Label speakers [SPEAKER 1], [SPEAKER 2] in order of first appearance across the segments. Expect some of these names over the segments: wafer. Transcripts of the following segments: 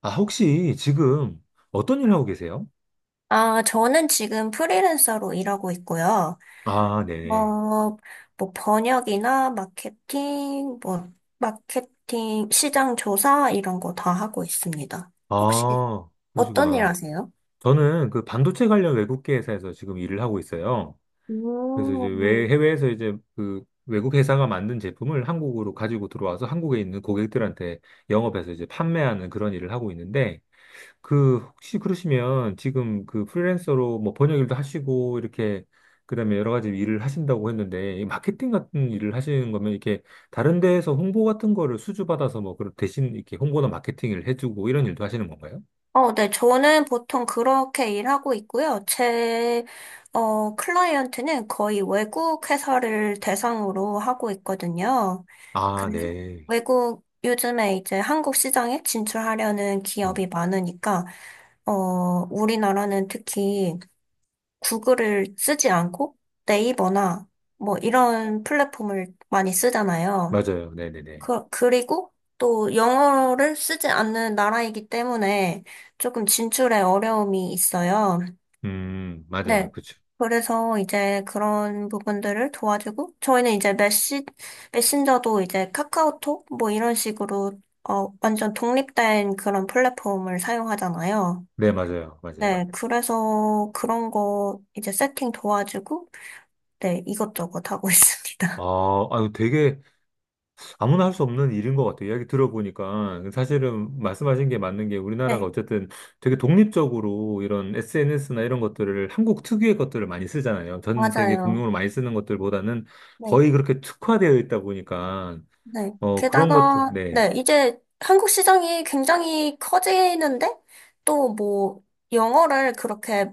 [SPEAKER 1] 아, 혹시 지금 어떤 일 하고 계세요?
[SPEAKER 2] 아, 저는 지금 프리랜서로 일하고 있고요.
[SPEAKER 1] 아,
[SPEAKER 2] 어,
[SPEAKER 1] 네네.
[SPEAKER 2] 뭐 번역이나 마케팅, 시장 조사 이런 거 다 하고 있습니다. 혹시
[SPEAKER 1] 아,
[SPEAKER 2] 어떤 일
[SPEAKER 1] 그러시구나.
[SPEAKER 2] 하세요?
[SPEAKER 1] 저는 그 반도체 관련 외국계 회사에서 지금 일을 하고 있어요. 그래서 이제
[SPEAKER 2] 음.
[SPEAKER 1] 해외에서 이제 그 외국 회사가 만든 제품을 한국으로 가지고 들어와서 한국에 있는 고객들한테 영업해서 이제 판매하는 그런 일을 하고 있는데, 그 혹시 그러시면 지금 그 프리랜서로 뭐 번역 일도 하시고 이렇게 그다음에 여러 가지 일을 하신다고 했는데 이 마케팅 같은 일을 하시는 거면 이렇게 다른 데에서 홍보 같은 거를 수주받아서 뭐 그런 대신 이렇게 홍보나 마케팅을 해주고 이런 일도 하시는 건가요?
[SPEAKER 2] 네, 저는 보통 그렇게 일하고 있고요. 클라이언트는 거의 외국 회사를 대상으로 하고 있거든요.
[SPEAKER 1] 아,
[SPEAKER 2] 그래서
[SPEAKER 1] 네.
[SPEAKER 2] 요즘에 이제 한국 시장에 진출하려는
[SPEAKER 1] 음,
[SPEAKER 2] 기업이 많으니까, 어, 우리나라는 특히 구글을 쓰지 않고 네이버나 뭐 이런 플랫폼을 많이 쓰잖아요.
[SPEAKER 1] 맞아요. 네네네.
[SPEAKER 2] 그리고 또 영어를 쓰지 않는 나라이기 때문에 조금 진출에 어려움이 있어요.
[SPEAKER 1] 맞아요.
[SPEAKER 2] 네.
[SPEAKER 1] 그쵸.
[SPEAKER 2] 그래서 이제 그런 부분들을 도와주고, 저희는 이제 메신저도 이제 카카오톡 뭐 이런 식으로 완전 독립된 그런 플랫폼을 사용하잖아요.
[SPEAKER 1] 네, 맞아요. 맞아요.
[SPEAKER 2] 네. 그래서 그런 거 이제 세팅 도와주고, 네. 이것저것 하고 있습니다.
[SPEAKER 1] 아, 아유, 되게 아무나 할 수 없는 일인 것 같아요. 이야기 들어보니까 사실은 말씀하신 게 맞는 게 우리나라가
[SPEAKER 2] 네.
[SPEAKER 1] 어쨌든 되게 독립적으로 이런 SNS나 이런 것들을 한국 특유의 것들을 많이 쓰잖아요. 전 세계
[SPEAKER 2] 맞아요.
[SPEAKER 1] 공용으로 많이 쓰는 것들보다는
[SPEAKER 2] 네
[SPEAKER 1] 거의 그렇게 특화되어 있다 보니까
[SPEAKER 2] 네.
[SPEAKER 1] 어 그런 것들
[SPEAKER 2] 게다가,
[SPEAKER 1] 네
[SPEAKER 2] 네, 이제 한국 시장이 굉장히 커지는데, 또 뭐, 영어를 그렇게,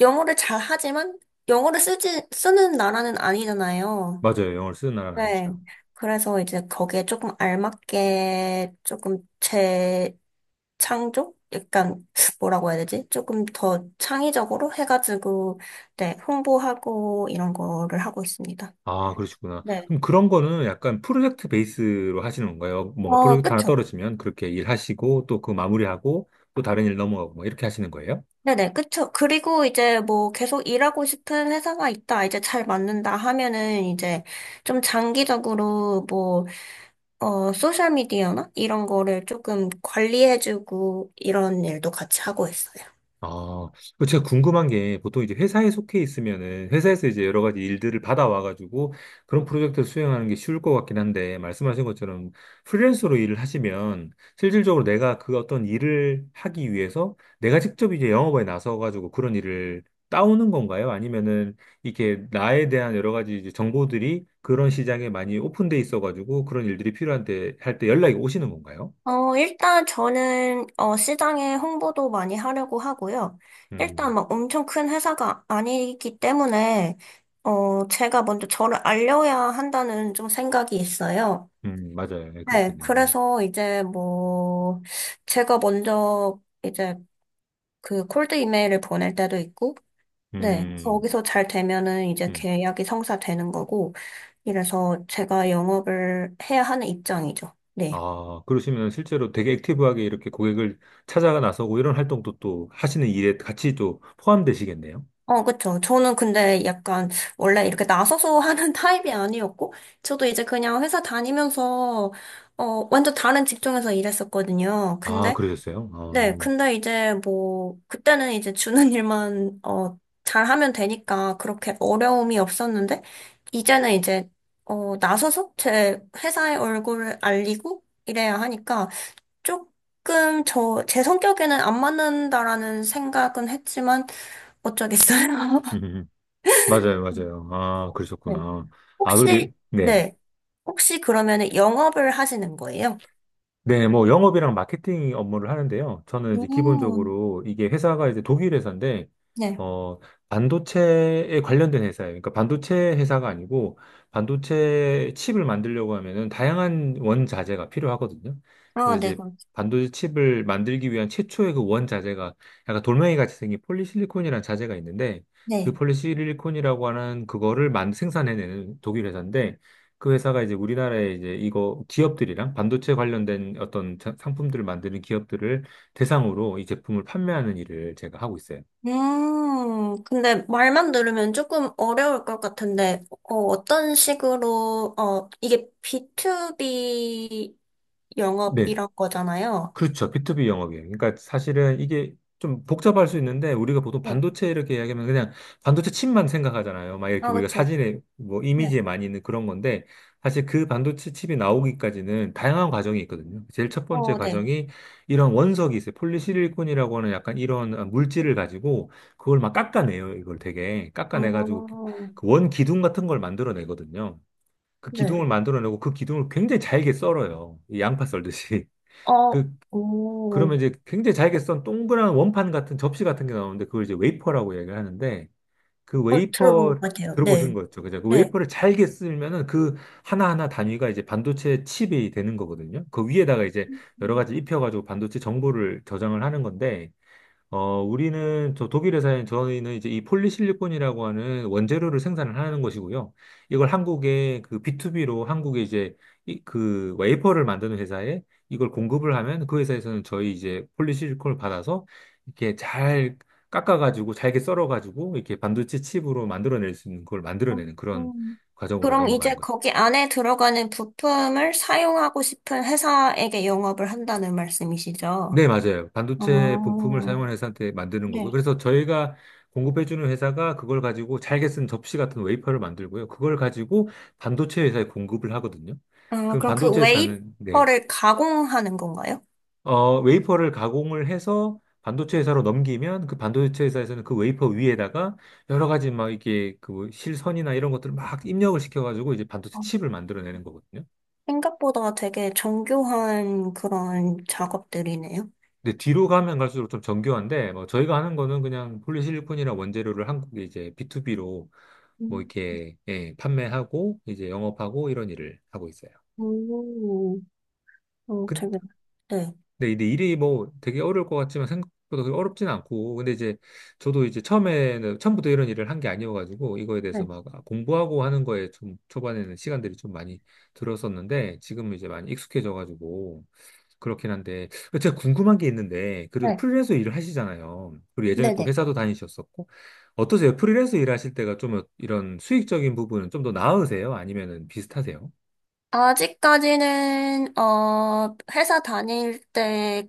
[SPEAKER 2] 영어를 잘하지만, 영어를 쓰는 나라는 아니잖아요.
[SPEAKER 1] 맞아요. 영어를 쓰는 나라는
[SPEAKER 2] 네.
[SPEAKER 1] 아니죠.
[SPEAKER 2] 그래서 이제 거기에 조금 알맞게, 조금 재창조? 약간, 뭐라고 해야 되지? 조금 더 창의적으로 해가지고, 네, 홍보하고, 이런 거를 하고 있습니다.
[SPEAKER 1] 아 그러시구나.
[SPEAKER 2] 네.
[SPEAKER 1] 그럼 그런 거는 약간 프로젝트 베이스로 하시는 건가요? 뭔가 프로젝트 하나
[SPEAKER 2] 그쵸.
[SPEAKER 1] 떨어지면 그렇게 일하시고 또 그 마무리하고 또 다른 일 넘어가고 뭐 이렇게 하시는 거예요?
[SPEAKER 2] 네네, 그쵸. 그리고 이제 뭐 계속 일하고 싶은 회사가 있다, 이제 잘 맞는다 하면은 이제 좀 장기적으로 뭐, 소셜미디어나 이런 거를 조금 관리해주고 이런 일도 같이 하고 있어요.
[SPEAKER 1] 아, 그 제가 궁금한 게 보통 이제 회사에 속해 있으면은 회사에서 이제 여러 가지 일들을 받아와가지고 그런 프로젝트를 수행하는 게 쉬울 것 같긴 한데 말씀하신 것처럼 프리랜서로 일을 하시면 실질적으로 내가 그 어떤 일을 하기 위해서 내가 직접 이제 영업에 나서가지고 그런 일을 따오는 건가요? 아니면은 이렇게 나에 대한 여러 가지 이제 정보들이 그런 시장에 많이 오픈돼 있어가지고 그런 일들이 필요한데 할 때 연락이 오시는 건가요?
[SPEAKER 2] 일단 저는, 시장에 홍보도 많이 하려고 하고요.
[SPEAKER 1] 음,
[SPEAKER 2] 일단 막 엄청 큰 회사가 아니기 때문에, 제가 먼저 저를 알려야 한다는 좀 생각이 있어요.
[SPEAKER 1] 맞아요. 네,
[SPEAKER 2] 네,
[SPEAKER 1] 그렇겠네요. 네.
[SPEAKER 2] 그래서 이제 뭐, 제가 먼저 이제 그 콜드 이메일을 보낼 때도 있고, 네,
[SPEAKER 1] 음.
[SPEAKER 2] 거기서 잘 되면은 이제
[SPEAKER 1] 음.
[SPEAKER 2] 계약이 성사되는 거고, 이래서 제가 영업을 해야 하는 입장이죠. 네.
[SPEAKER 1] 아, 그러시면 실제로 되게 액티브하게 이렇게 고객을 찾아가 나서고 이런 활동도 또 하시는 일에 같이 또 포함되시겠네요.
[SPEAKER 2] 그쵸. 저는 근데 약간 원래 이렇게 나서서 하는 타입이 아니었고, 저도 이제 그냥 회사 다니면서, 완전 다른 직종에서 일했었거든요.
[SPEAKER 1] 아,
[SPEAKER 2] 근데
[SPEAKER 1] 그러셨어요?
[SPEAKER 2] 네,
[SPEAKER 1] 아,
[SPEAKER 2] 근데 이제 뭐, 그때는 이제 주는 일만, 잘하면 되니까 그렇게 어려움이 없었는데, 이제는 이제, 나서서 제 회사의 얼굴을 알리고 이래야 하니까, 조금 제 성격에는 안 맞는다라는 생각은 했지만, 어쩌겠어요.
[SPEAKER 1] 맞아요, 맞아요. 아,
[SPEAKER 2] 네.
[SPEAKER 1] 그러셨구나. 아, 그래도,
[SPEAKER 2] 혹시,
[SPEAKER 1] 네.
[SPEAKER 2] 네. 혹시 그러면 영업을 하시는 거예요?
[SPEAKER 1] 네, 뭐 영업이랑 마케팅 업무를 하는데요. 저는 이제
[SPEAKER 2] 음,
[SPEAKER 1] 기본적으로 이게 회사가 이제 독일 회사인데
[SPEAKER 2] 네.
[SPEAKER 1] 어 반도체에 관련된 회사예요. 그러니까 반도체 회사가 아니고 반도체 칩을 만들려고 하면은 다양한 원자재가 필요하거든요.
[SPEAKER 2] 아,
[SPEAKER 1] 그래서
[SPEAKER 2] 네,
[SPEAKER 1] 이제
[SPEAKER 2] 그럼.
[SPEAKER 1] 반도체 칩을 만들기 위한 최초의 그 원자재가 약간 돌멩이 같이 생긴 폴리실리콘이라는 자재가 있는데 그
[SPEAKER 2] 네.
[SPEAKER 1] 폴리실리콘이라고 하는 그거를 만 생산해내는 독일 회사인데 그 회사가 이제 우리나라에 이제 이거 기업들이랑 반도체 관련된 어떤 상품들을 만드는 기업들을 대상으로 이 제품을 판매하는 일을 제가 하고 있어요.
[SPEAKER 2] 근데 말만 들으면 조금 어려울 것 같은데, 어떤 식으로, 이게 B2B
[SPEAKER 1] 네.
[SPEAKER 2] 영업이란 거잖아요.
[SPEAKER 1] 그렇죠. B2B 영업이에요. 그러니까 사실은 이게 좀 복잡할 수 있는데 우리가 보통
[SPEAKER 2] 네.
[SPEAKER 1] 반도체 이렇게 이야기하면 그냥 반도체 칩만 생각하잖아요. 막 이렇게
[SPEAKER 2] 아,
[SPEAKER 1] 우리가
[SPEAKER 2] 그쵸.
[SPEAKER 1] 사진에 뭐
[SPEAKER 2] 네.
[SPEAKER 1] 이미지에 많이 있는 그런 건데 사실 그 반도체 칩이 나오기까지는 다양한 과정이 있거든요. 제일 첫 번째
[SPEAKER 2] 어, 네.
[SPEAKER 1] 과정이 이런 원석이 있어요. 폴리시리콘이라고 하는 약간 이런 물질을 가지고 그걸 막 깎아내요. 이걸 되게 깎아내가지고
[SPEAKER 2] 어,
[SPEAKER 1] 그 원 기둥 같은 걸 만들어내거든요. 그 기둥을
[SPEAKER 2] 네.
[SPEAKER 1] 만들어내고 그 기둥을 굉장히 잘게 썰어요. 이 양파 썰듯이.
[SPEAKER 2] 어,
[SPEAKER 1] 그러면
[SPEAKER 2] 오,
[SPEAKER 1] 이제 굉장히 잘게 썬 동그란 원판 같은 접시 같은 게 나오는데 그걸 이제 웨이퍼라고 얘기를 하는데 그
[SPEAKER 2] 들어본
[SPEAKER 1] 웨이퍼
[SPEAKER 2] 것 같아요. 네.
[SPEAKER 1] 들어보신 거죠. 그죠? 그
[SPEAKER 2] 네.
[SPEAKER 1] 웨이퍼를 잘게 쓰면은 그 하나하나 단위가 이제 반도체 칩이 되는 거거든요. 그 위에다가 이제 여러
[SPEAKER 2] 음,
[SPEAKER 1] 가지 입혀가지고 반도체 정보를 저장을 하는 건데 어, 우리는 저 독일 회사인 저희는 이제 이 폴리실리콘이라고 하는 원재료를 생산을 하는 것이고요. 이걸 한국에 그 B2B로 한국에 이제 이, 그 웨이퍼를 만드는 회사에 이걸 공급을 하면 그 회사에서는 저희 이제 폴리실리콘을 받아서 이렇게 잘 깎아가지고 잘게 썰어가지고 이렇게 반도체 칩으로 만들어낼 수 있는 걸
[SPEAKER 2] 어,
[SPEAKER 1] 만들어내는 그런
[SPEAKER 2] 음.
[SPEAKER 1] 과정으로
[SPEAKER 2] 그럼 이제
[SPEAKER 1] 넘어가는 거죠.
[SPEAKER 2] 거기 안에 들어가는 부품을 사용하고 싶은 회사에게 영업을 한다는 말씀이시죠?
[SPEAKER 1] 네, 맞아요. 반도체 부품을
[SPEAKER 2] 어.
[SPEAKER 1] 사용한 회사한테 만드는 거고요.
[SPEAKER 2] 네.
[SPEAKER 1] 그래서 저희가 공급해주는 회사가 그걸 가지고 잘게 쓴 접시 같은 웨이퍼를 만들고요. 그걸 가지고 반도체 회사에 공급을 하거든요.
[SPEAKER 2] 아,
[SPEAKER 1] 그럼
[SPEAKER 2] 그럼 그
[SPEAKER 1] 반도체 회사는, 네.
[SPEAKER 2] 웨이퍼를 가공하는 건가요?
[SPEAKER 1] 어, 웨이퍼를 가공을 해서 반도체 회사로 넘기면 그 반도체 회사에서는 그 웨이퍼 위에다가 여러 가지 막 이게 그 실선이나 이런 것들을 막 입력을 시켜가지고 이제 반도체
[SPEAKER 2] 어.
[SPEAKER 1] 칩을 만들어내는 거거든요.
[SPEAKER 2] 생각보다 되게 정교한 그런 작업들이네요.
[SPEAKER 1] 근데 뒤로 가면 갈수록 좀 정교한데, 뭐 저희가 하는 거는 그냥 폴리실리콘이나 원재료를 한국에 이제 B2B로 뭐
[SPEAKER 2] 음.
[SPEAKER 1] 이렇게, 예, 판매하고, 이제 영업하고 이런 일을 하고 있어요.
[SPEAKER 2] 오, 어, 되게, 네.
[SPEAKER 1] 근데 이제 일이 뭐 되게 어려울 것 같지만 생각보다 그렇게 어렵진 않고 근데 이제 저도 이제 처음에는 처음부터 이런 일을 한 게 아니어가지고 이거에 대해서
[SPEAKER 2] 네.
[SPEAKER 1] 막 공부하고 하는 거에 좀 초반에는 시간들이 좀 많이 들었었는데 지금은 이제 많이 익숙해져가지고 그렇긴 한데 제가 궁금한 게 있는데 그래도
[SPEAKER 2] 네.
[SPEAKER 1] 프리랜서 일을 하시잖아요. 그리고 예전에 또
[SPEAKER 2] 네네.
[SPEAKER 1] 회사도 다니셨었고 어떠세요? 프리랜서 일하실 때가 좀 이런 수익적인 부분은 좀 더 나으세요? 아니면은 비슷하세요?
[SPEAKER 2] 아직까지는, 회사 다닐 때가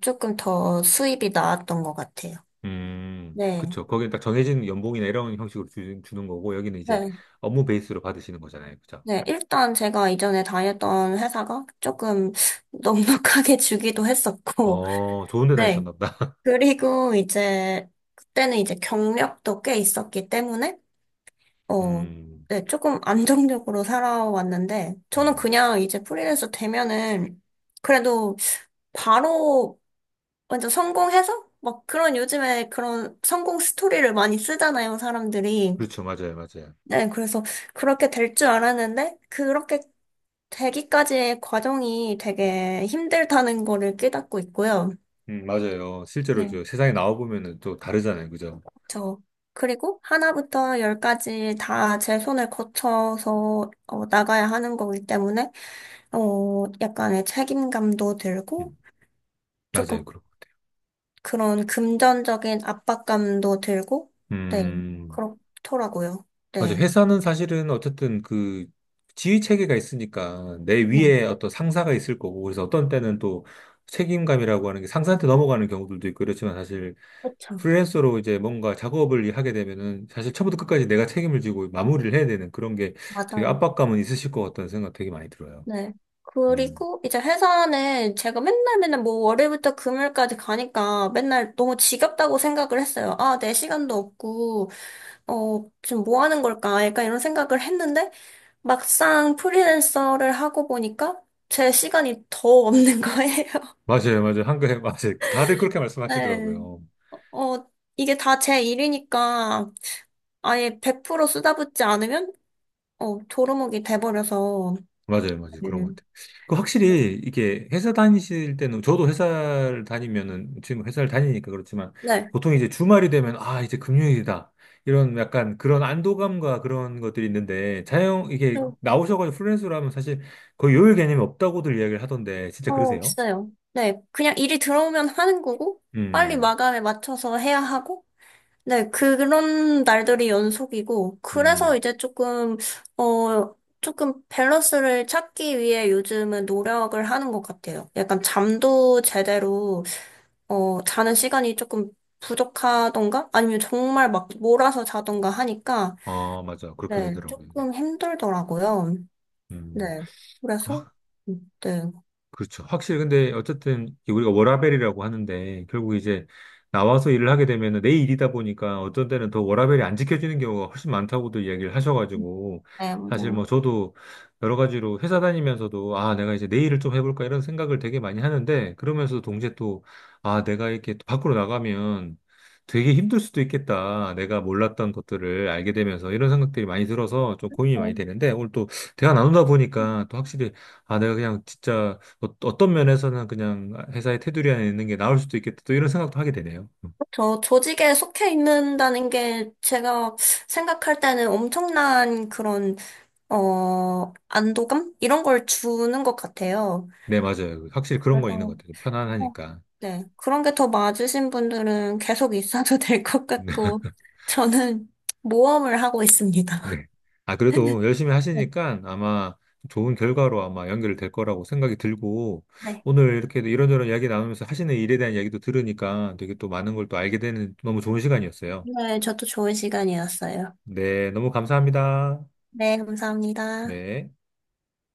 [SPEAKER 2] 조금 더 수입이 나았던 것 같아요. 네.
[SPEAKER 1] 그쵸. 거기는 딱 정해진 연봉이나 이런 형식으로 주는 거고, 여기는 이제
[SPEAKER 2] 네.
[SPEAKER 1] 업무 베이스로 받으시는 거잖아요. 그죠?
[SPEAKER 2] 네. 일단 제가 이전에 다녔던 회사가 조금 넉넉하게 주기도 했었고,
[SPEAKER 1] 어, 좋은 데
[SPEAKER 2] 네.
[SPEAKER 1] 다니셨나 보다.
[SPEAKER 2] 그리고 이제 그때는 이제 경력도 꽤 있었기 때문에 어,
[SPEAKER 1] 음,
[SPEAKER 2] 네, 조금 안정적으로 살아왔는데 저는
[SPEAKER 1] 음.
[SPEAKER 2] 그냥 이제 프리랜서 되면은 그래도 바로 완전 성공해서 막 그런 요즘에 그런 성공 스토리를 많이 쓰잖아요, 사람들이.
[SPEAKER 1] 그렇죠. 맞아요. 맞아요.
[SPEAKER 2] 네, 그래서 그렇게 될 줄 알았는데 그렇게 되기까지의 과정이 되게 힘들다는 거를 깨닫고 있고요.
[SPEAKER 1] 맞아요. 실제로
[SPEAKER 2] 네.
[SPEAKER 1] 저 세상에 나와보면은 또 다르잖아요. 그죠?
[SPEAKER 2] 저 그리고 하나부터 열까지 다 제 손을 거쳐서 나가야 하는 거기 때문에 약간의 책임감도 들고
[SPEAKER 1] 음,
[SPEAKER 2] 조금
[SPEAKER 1] 맞아요. 그렇고.
[SPEAKER 2] 그런 금전적인 압박감도 들고 네,
[SPEAKER 1] 음.
[SPEAKER 2] 그렇더라고요.
[SPEAKER 1] 맞아.
[SPEAKER 2] 네.
[SPEAKER 1] 회사는 사실은 어쨌든 그 지휘 체계가 있으니까 내
[SPEAKER 2] 네,
[SPEAKER 1] 위에 어떤 상사가 있을 거고, 그래서 어떤 때는 또 책임감이라고 하는 게 상사한테 넘어가는 경우들도 있고, 그렇지만 사실
[SPEAKER 2] 그렇죠.
[SPEAKER 1] 프리랜서로 이제 뭔가 작업을 하게 되면은 사실 처음부터 끝까지 내가 책임을 지고 마무리를 해야 되는 그런 게 되게
[SPEAKER 2] 맞아요.
[SPEAKER 1] 압박감은 있으실 것 같다는 생각 되게 많이 들어요.
[SPEAKER 2] 네.
[SPEAKER 1] 음.
[SPEAKER 2] 그리고 이제 회사는 제가 맨날 맨날 뭐 월요일부터 금요일까지 가니까 맨날 너무 지겹다고 생각을 했어요. 아, 내 시간도 없고 지금 뭐 하는 걸까? 약간 이런 생각을 했는데, 막상 프리랜서를 하고 보니까 제 시간이 더 없는 거예요.
[SPEAKER 1] 맞아요, 맞아요. 한글, 맞아요. 다들 그렇게
[SPEAKER 2] 네.
[SPEAKER 1] 말씀하시더라고요.
[SPEAKER 2] 어, 이게 다 제 일이니까 아예 100% 쓰다붙지 않으면, 도루묵이 돼버려서.
[SPEAKER 1] 맞아요, 맞아요. 그런 것
[SPEAKER 2] 네.
[SPEAKER 1] 같아요. 그 확실히 이게 회사 다니실 때는 저도 회사를 다니면은 지금 회사를 다니니까 그렇지만
[SPEAKER 2] 네.
[SPEAKER 1] 보통 이제 주말이 되면 아, 이제 금요일이다. 이런 약간 그런 안도감과 그런 것들이 있는데 자영 이게 나오셔가지고 프리랜서로 하면 사실 거의 요일 개념이 없다고들 이야기를 하던데 진짜 그러세요?
[SPEAKER 2] 없어요. 네. 그냥 일이 들어오면 하는 거고, 빨리
[SPEAKER 1] 음,
[SPEAKER 2] 마감에 맞춰서 해야 하고, 네, 그런 날들이 연속이고, 그래서
[SPEAKER 1] 음,
[SPEAKER 2] 이제 어, 조금 밸런스를 찾기 위해 요즘은 노력을 하는 것 같아요. 약간 잠도 제대로, 자는 시간이 조금 부족하던가? 아니면 정말 막 몰아서 자던가 하니까,
[SPEAKER 1] 아, 맞아. 그렇게
[SPEAKER 2] 네,
[SPEAKER 1] 되더라고요. 네.
[SPEAKER 2] 조금 힘들더라고요.
[SPEAKER 1] 음.
[SPEAKER 2] 네, 그래서, 네,
[SPEAKER 1] 그렇죠. 확실히 근데 어쨌든 우리가 워라밸이라고 하는데 결국 이제 나와서 일을 하게 되면은 내 일이다 보니까 어떤 때는 더 워라밸이 안 지켜지는 경우가 훨씬 많다고도 이야기를 하셔가지고
[SPEAKER 2] 네,
[SPEAKER 1] 사실 뭐
[SPEAKER 2] 뭐,
[SPEAKER 1] 저도 여러 가지로 회사 다니면서도 아 내가 이제 내 일을 좀 해볼까 이런 생각을 되게 많이 하는데 그러면서 동시에 또 아 내가 이렇게 또 밖으로 나가면 되게 힘들 수도 있겠다. 내가 몰랐던 것들을 알게 되면서 이런 생각들이 많이 들어서 좀 고민이 많이
[SPEAKER 2] 어,
[SPEAKER 1] 되는데 오늘 또 대화 나누다 보니까 또 확실히 아 내가 그냥 진짜 어떤 면에서는 그냥 회사의 테두리 안에 있는 게 나을 수도 있겠다. 또 이런 생각도 하게 되네요. 음.
[SPEAKER 2] 저 조직에 속해 있는다는 게 제가 생각할 때는 엄청난 그런 안도감? 이런 걸 주는 것 같아요.
[SPEAKER 1] 네, 맞아요. 그 확실히 그런 건 있는
[SPEAKER 2] 그래서,
[SPEAKER 1] 것 같아요.
[SPEAKER 2] 어,
[SPEAKER 1] 편안하니까.
[SPEAKER 2] 네. 그런 게 더 맞으신 분들은 계속 있어도 될 것 같고, 저는 모험을 하고 있습니다.
[SPEAKER 1] 네. 아, 그래도 열심히
[SPEAKER 2] 네.
[SPEAKER 1] 하시니까 아마 좋은 결과로 아마 연결될 거라고 생각이 들고,
[SPEAKER 2] 네.
[SPEAKER 1] 오늘 이렇게 이런저런 이야기 나누면서 하시는 일에 대한 이야기도 들으니까 되게 또 많은 걸 또 알게 되는 너무 좋은 시간이었어요.
[SPEAKER 2] 오늘 저도 좋은 시간이었어요.
[SPEAKER 1] 네, 너무 감사합니다.
[SPEAKER 2] 네, 감사합니다.
[SPEAKER 1] 네.